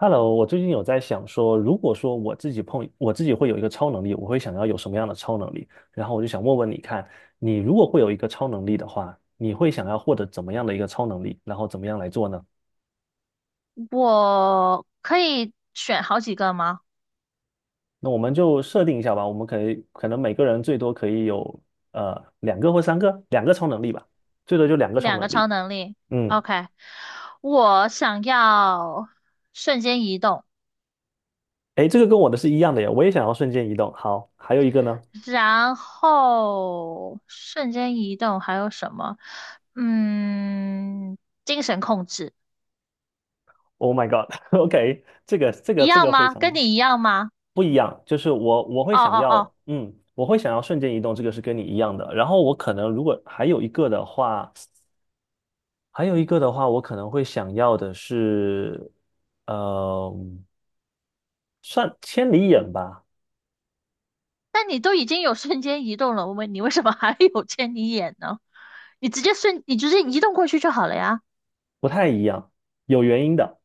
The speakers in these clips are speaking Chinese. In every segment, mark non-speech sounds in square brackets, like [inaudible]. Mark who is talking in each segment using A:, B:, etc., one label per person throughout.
A: Hello，我最近有在想说，如果说我自己碰我自己会有一个超能力，我会想要有什么样的超能力？然后我就想问问你看，你如果会有一个超能力的话，你会想要获得怎么样的一个超能力？然后怎么样来做呢？
B: 我可以选好几个吗？
A: 那我们就设定一下吧，我们可以可能每个人最多可以有呃两个或三个，两个超能力吧，最多就两个超
B: 两
A: 能
B: 个超
A: 力。
B: 能力
A: 嗯。
B: ，OK。我想要瞬间移动，
A: 诶，这个跟我的是一样的呀，我也想要瞬间移动。好，还有一个呢
B: 然后瞬间移动还有什么？嗯，精神控制
A: ？Oh my God，OK，[laughs] 这个这个
B: 一
A: 这
B: 样
A: 个非
B: 吗？
A: 常
B: 跟你一样吗？
A: 不一样，就是我会
B: 哦
A: 想
B: 哦哦，
A: 要，我会想要瞬间移动，这个是跟你一样的。然后我可能如果还有一个的话，还有一个的话，我可能会想要的是，呃，算千里眼吧。
B: 那你都已经有瞬间移动了，我问你为什么还有千里眼呢？你直接移动过去就好了呀。
A: 不太一样，有原因的。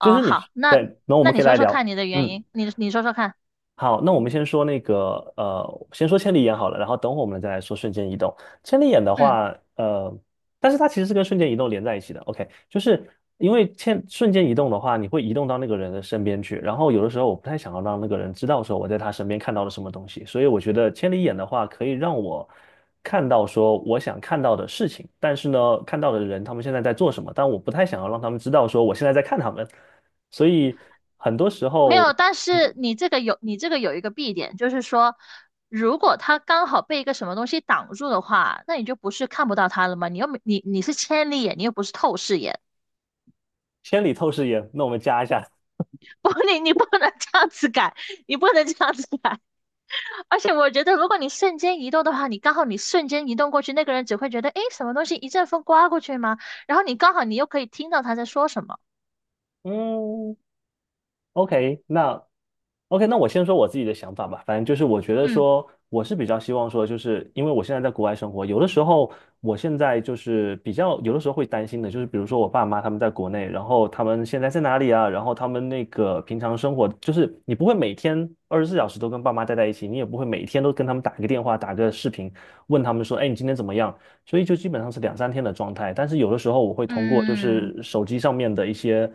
A: 就是你，
B: 好，那
A: 对，那我
B: 那
A: 们
B: 你
A: 可以
B: 说
A: 来
B: 说看
A: 聊，
B: 你的原
A: 嗯。
B: 因，你说说看。
A: 好，那我们先说那个，先说千里眼好了，然后等会我们再来说瞬间移动。千里眼的
B: 嗯，
A: 话，但是它其实是跟瞬间移动连在一起的。OK，就是因为瞬间移动的话，你会移动到那个人的身边去，然后有的时候我不太想要让那个人知道说我在他身边看到了什么东西，所以我觉得千里眼的话可以让我看到说我想看到的事情，但是呢，看到的人他们现在在做什么，但我不太想要让他们知道说我现在在看他们，所以很多时
B: 没
A: 候。
B: 有，但
A: 嗯。
B: 是你这个有一个弊点，就是说，如果他刚好被一个什么东西挡住的话，那你就不是看不到他了吗？你又没你你是千里眼，你又不是透视眼，
A: 千里透视眼，那我们加一下。
B: [laughs] 不，你不能这样子改，你不能这样子改。[laughs] 而且我觉得，如果你瞬间移动的话，你刚好你瞬间移动过去，那个人只会觉得，诶，什么东西一阵风刮过去吗？然后你刚好你又可以听到他在说什么。
A: 嗯，OK，那 OK，那我先说我自己的想法吧。反正就是我觉得
B: 嗯
A: 说，我是比较希望说，就是因为我现在在国外生活，有的时候我现在就是比较有的时候会担心的，就是比如说我爸妈他们在国内，然后他们现在在哪里啊？然后他们那个平常生活，就是你不会每天二十四小时都跟爸妈待在一起，你也不会每天都跟他们打个电话、打个视频，问他们说，哎，你今天怎么样？所以就基本上是两三天的状态。但是有的时候我会通过就
B: 嗯，
A: 是手机上面的一些。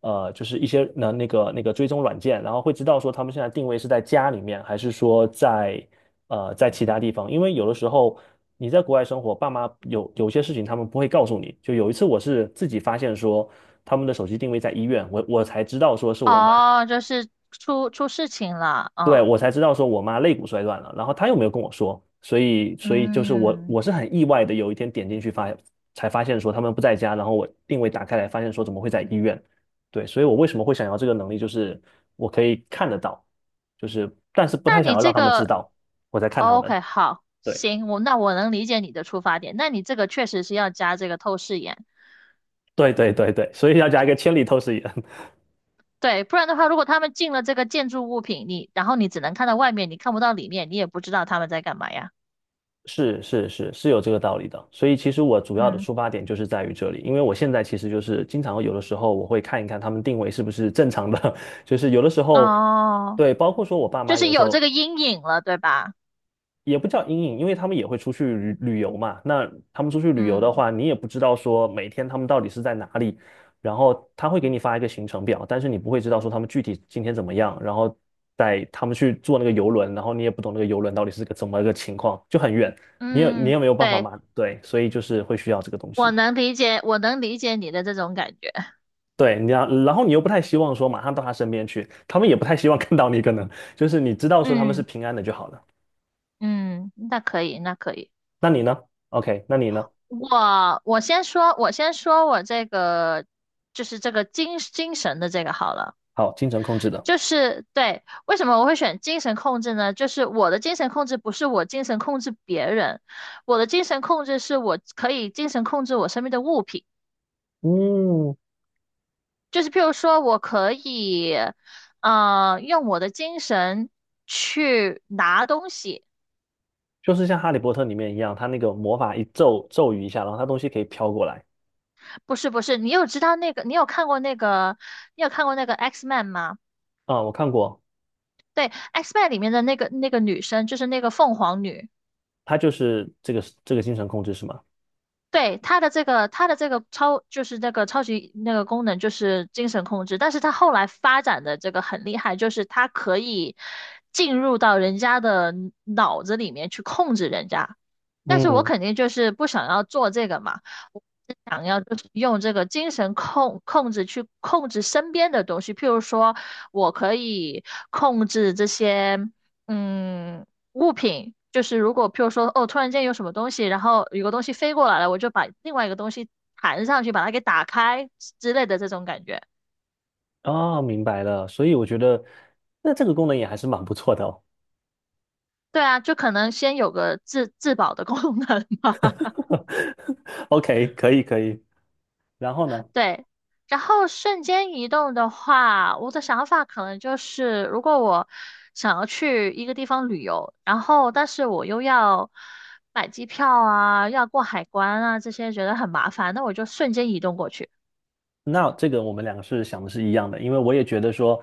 A: 就是一些那个追踪软件，然后会知道说他们现在定位是在家里面，还是说在在其他地方。因为有的时候你在国外生活，爸妈有些事情他们不会告诉你。就有一次我是自己发现说他们的手机定位在医院，我才知道说是我妈
B: 哦，就是出事情了，
A: 对，
B: 嗯
A: 我才知道说我妈肋骨摔断了，然后她又没有跟我说，所以就是我
B: 嗯。
A: 我是很意外的，有一天点进去发才发现说他们不在家，然后我定位打开来发现说怎么会在医院？对，所以我为什么会想要这个能力，就是我可以看得到，就是但是不
B: 那
A: 太想
B: 你
A: 要让
B: 这
A: 他们知
B: 个
A: 道我在看他
B: 哦
A: 们。
B: ，OK,好，
A: 对
B: 行，我能理解你的出发点。那你这个确实是要加这个透视眼，
A: 对对，所以要加一个千里透视眼。
B: 对，不然的话，如果他们进了这个建筑物品，你然后你只能看到外面，你看不到里面，你也不知道他们在干嘛呀。
A: 是有这个道理的，所以其实我主要的
B: 嗯，
A: 出发点就是在于这里，因为我现在其实就是经常有的时候我会看一看他们定位是不是正常的，[laughs] 就是有的时候，
B: 哦，
A: 对，包括说我爸
B: 就
A: 妈有
B: 是
A: 的时
B: 有这
A: 候
B: 个阴影了，对吧？
A: 也不叫阴影，因为他们也会出去旅游嘛。那他们出去旅游的
B: 嗯
A: 话，你也不知道说每天他们到底是在哪里，然后他会给你发一个行程表，但是你不会知道说他们具体今天怎么样，然后带他们去坐那个游轮，然后你也不懂那个游轮到底是个怎么个情况，就很远，你
B: 嗯，
A: 也没有办法
B: 对，
A: 嘛，对，所以就是会需要这个东
B: 我
A: 西。
B: 能理解，我能理解你的这种感觉。
A: 对，你要，然后你又不太希望说马上到他身边去，他们也不太希望看到你，可能就是你知道说他们是
B: 嗯
A: 平安的就好了。
B: 嗯，那可以，那可以。
A: 那你呢？OK，那你呢？
B: 我先说，我先说我这个就是这个精神的这个好了，
A: 好，精神控制的。
B: 就是对，为什么我会选精神控制呢？就是我的精神控制不是我精神控制别人，我的精神控制是我可以精神控制我身边的物品，
A: 嗯，
B: 就是譬如说我可以，用我的精神去拿东西，
A: 就是像《哈利波特》里面一样，他那个魔法一咒语一下，然后他东西可以飘过来。
B: 不是不是，你有知道那个，你有看过那个，你有看过那个 X Man 吗？
A: 啊、我看过，
B: 对，X Men 里面的那个女生，就是那个凤凰女，
A: 他就是这个精神控制是吗？
B: 对，她的这个超就是那个超级那个功能就是精神控制，但是她后来发展的这个很厉害，就是她可以进入到人家的脑子里面去控制人家。但是我
A: 嗯。
B: 肯定就是不想要做这个嘛，我是想要就是用这个精神控制去控制身边的东西，譬如说，我可以控制这些嗯物品，就是如果譬如说突然间有什么东西，然后有个东西飞过来了，我就把另外一个东西弹上去，把它给打开之类的这种感觉。
A: 哦，明白了。所以我觉得，那这个功能也还是蛮不错的哦。
B: 对啊，就可能先有个自保的功能吧。
A: [laughs] OK，可以可以。然后呢？
B: 对，然后瞬间移动的话，我的想法可能就是，如果我想要去一个地方旅游，然后但是我又要买机票啊，要过海关啊，这些觉得很麻烦，那我就瞬间移动过去。
A: 那这个我们两个是想的是一样的，因为我也觉得说，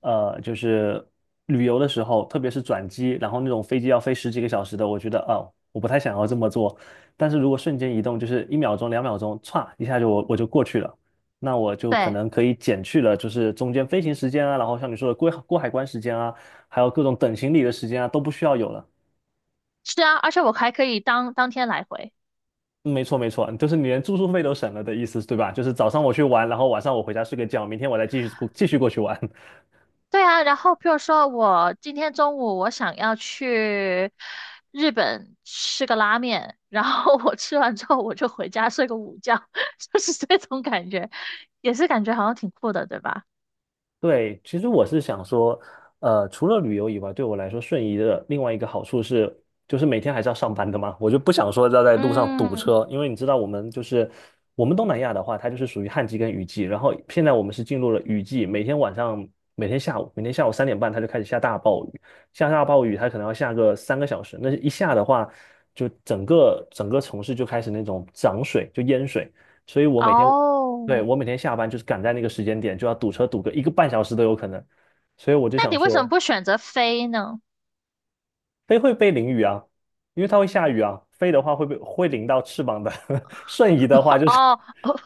A: 就是旅游的时候，特别是转机，然后那种飞机要飞十几个小时的，我觉得哦，我不太想要这么做。但是如果瞬间移动，就是一秒钟、两秒钟，歘一下就我就过去了，那我就可
B: 对，
A: 能可以减去了，就是中间飞行时间啊，然后像你说的过海关时间啊，还有各种等行李的时间啊，都不需要有了。
B: 是啊，而且我还可以当天来回。
A: 没错，没错，就是你连住宿费都省了的意思，对吧？就是早上我去玩，然后晚上我回家睡个觉，明天我再继续过去玩。
B: 对啊，然后譬如说我今天中午我想要去日本吃个拉面，然后我吃完之后我就回家睡个午觉，[laughs] 就是这种感觉，也是感觉好像挺酷的，对吧？
A: 对，其实我是想说，除了旅游以外，对我来说，瞬移的另外一个好处是，就是每天还是要上班的嘛，我就不想说要在路上堵
B: 嗯，
A: 车，因为你知道我们就是我们东南亚的话，它就是属于旱季跟雨季，然后现在我们是进入了雨季，每天下午、每天下午三点半它就开始下大暴雨，下大暴雨它可能要下个三个小时，那一下的话，就整个城市就开始那种涨水，就淹水。所以我每天对，
B: 哦，
A: 我每天下班就是赶在那个时间点，就要堵车堵个一个半小时都有可能，所以我就
B: 那
A: 想
B: 你为什么
A: 说，
B: 不选择飞呢？
A: 飞会被淋雨啊，因为它会下雨啊，飞的话会被会淋到翅膀的，[laughs] 瞬移的话就是，
B: 哦，哦，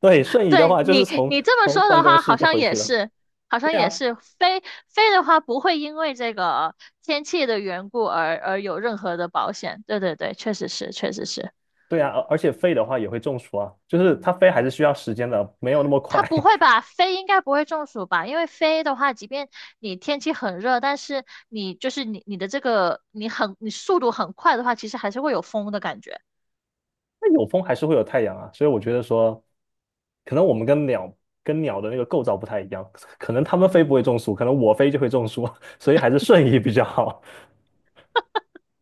A: 对，瞬移的话就是从
B: 你这么
A: 从
B: 说
A: 办
B: 的
A: 公
B: 话，
A: 室
B: 好
A: 就
B: 像
A: 回
B: 也
A: 去了。
B: 是，好像
A: 对
B: 也
A: 啊，
B: 是飞的话，不会因为这个天气的缘故而有任何的保险。对对对，确实是，确实是。
A: 对啊，而且飞的话也会中暑啊，就是它飞还是需要时间的，没有那么
B: 它
A: 快。
B: 不会
A: [laughs]
B: 吧？飞应该不会中暑吧？因为飞的话，即便你天气很热，但是你的这个你速度很快的话，其实还是会有风的感觉。
A: 那有风还是会有太阳啊，所以我觉得说，可能我们跟鸟的那个构造不太一样，可能它们飞不会中暑，可能我飞就会中暑，[laughs] 所以还是瞬移比较好。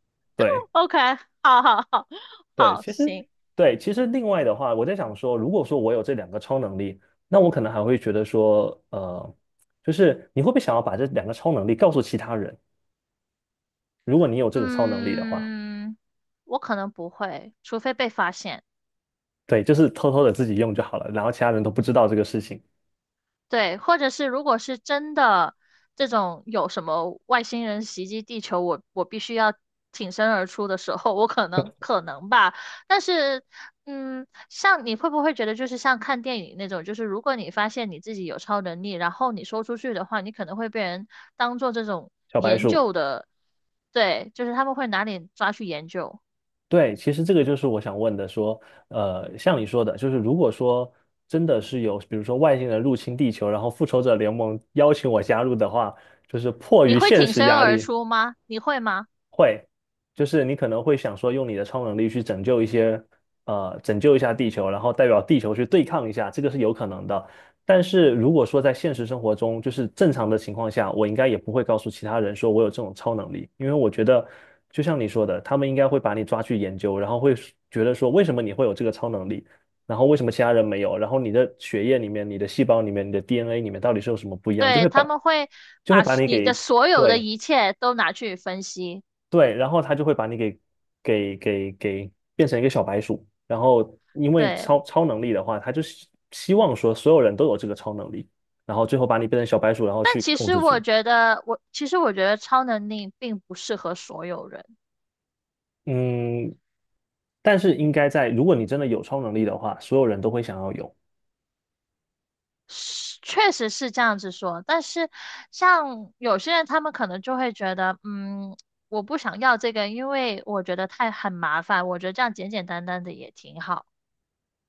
A: [laughs] 对
B: OK,[laughs] 好好好
A: 对，
B: 好，行，
A: 对，其实另外的话，我在想说，如果说我有这两个超能力，那我可能还会觉得说，就是你会不会想要把这两个超能力告诉其他人？如果你有这个超能力的话，
B: 嗯，我可能不会，除非被发现。
A: 对，就是偷偷的自己用就好了，然后其他人都不知道这个事情。
B: 对，或者是如果是真的这种有什么外星人袭击地球，我必须要挺身而出的时候，我可能可能吧。但是，嗯，像你会不会觉得就是像看电影那种，就是如果你发现你自己有超能力，然后你说出去的话，你可能会被人当做这种
A: 小白
B: 研
A: 鼠。
B: 究的，对，就是他们会拿你抓去研究。
A: 对，其实这个就是我想问的，说，像你说的，就是如果说真的是有，比如说外星人入侵地球，然后复仇者联盟邀请我加入的话，就是迫
B: 你
A: 于
B: 会
A: 现
B: 挺
A: 实
B: 身
A: 压
B: 而
A: 力，
B: 出吗？你会吗？
A: 会，就是你可能会想说，用你的超能力去拯救一些，拯救一下地球，然后代表地球去对抗一下，这个是有可能的。但是如果说在现实生活中，就是正常的情况下，我应该也不会告诉其他人说我有这种超能力，因为我觉得，就像你说的，他们应该会把你抓去研究，然后会觉得说为什么你会有这个超能力，然后为什么其他人没有，然后你的血液里面、你的细胞里面、你的 DNA 里面到底是有什么不一样，
B: 对，他们会
A: 就会
B: 把
A: 把你
B: 你的
A: 给
B: 所有的
A: 对。
B: 一切都拿去分析。
A: 对，然后他就会把你给给变成一个小白鼠。然后因为
B: 对，
A: 超能力的话，他就希望说所有人都有这个超能力，然后最后把你变成小白鼠，然后
B: 但
A: 去
B: 其
A: 控
B: 实
A: 制住。
B: 我觉得，其实我觉得超能力并不适合所有人，
A: 嗯，但是应该在，如果你真的有超能力的话，所有人都会想要有，
B: 是确实是这样子说。但是像有些人，他们可能就会觉得，嗯，我不想要这个，因为我觉得太很麻烦。我觉得这样简简单单的也挺好。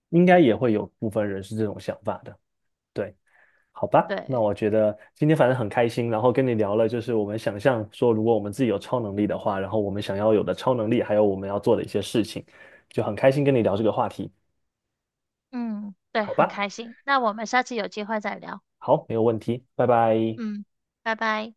A: 应该也会有部分人是这种想法的。对。好吧，那
B: 对，
A: 我觉得今天反正很开心，然后跟你聊了，就是我们想象说，如果我们自己有超能力的话，然后我们想要有的超能力，还有我们要做的一些事情，就很开心跟你聊这个话题，
B: 嗯，对，
A: 好
B: 很
A: 吧？
B: 开心。那我们下次有机会再聊。
A: 好，没有问题，拜拜。
B: 嗯，拜拜。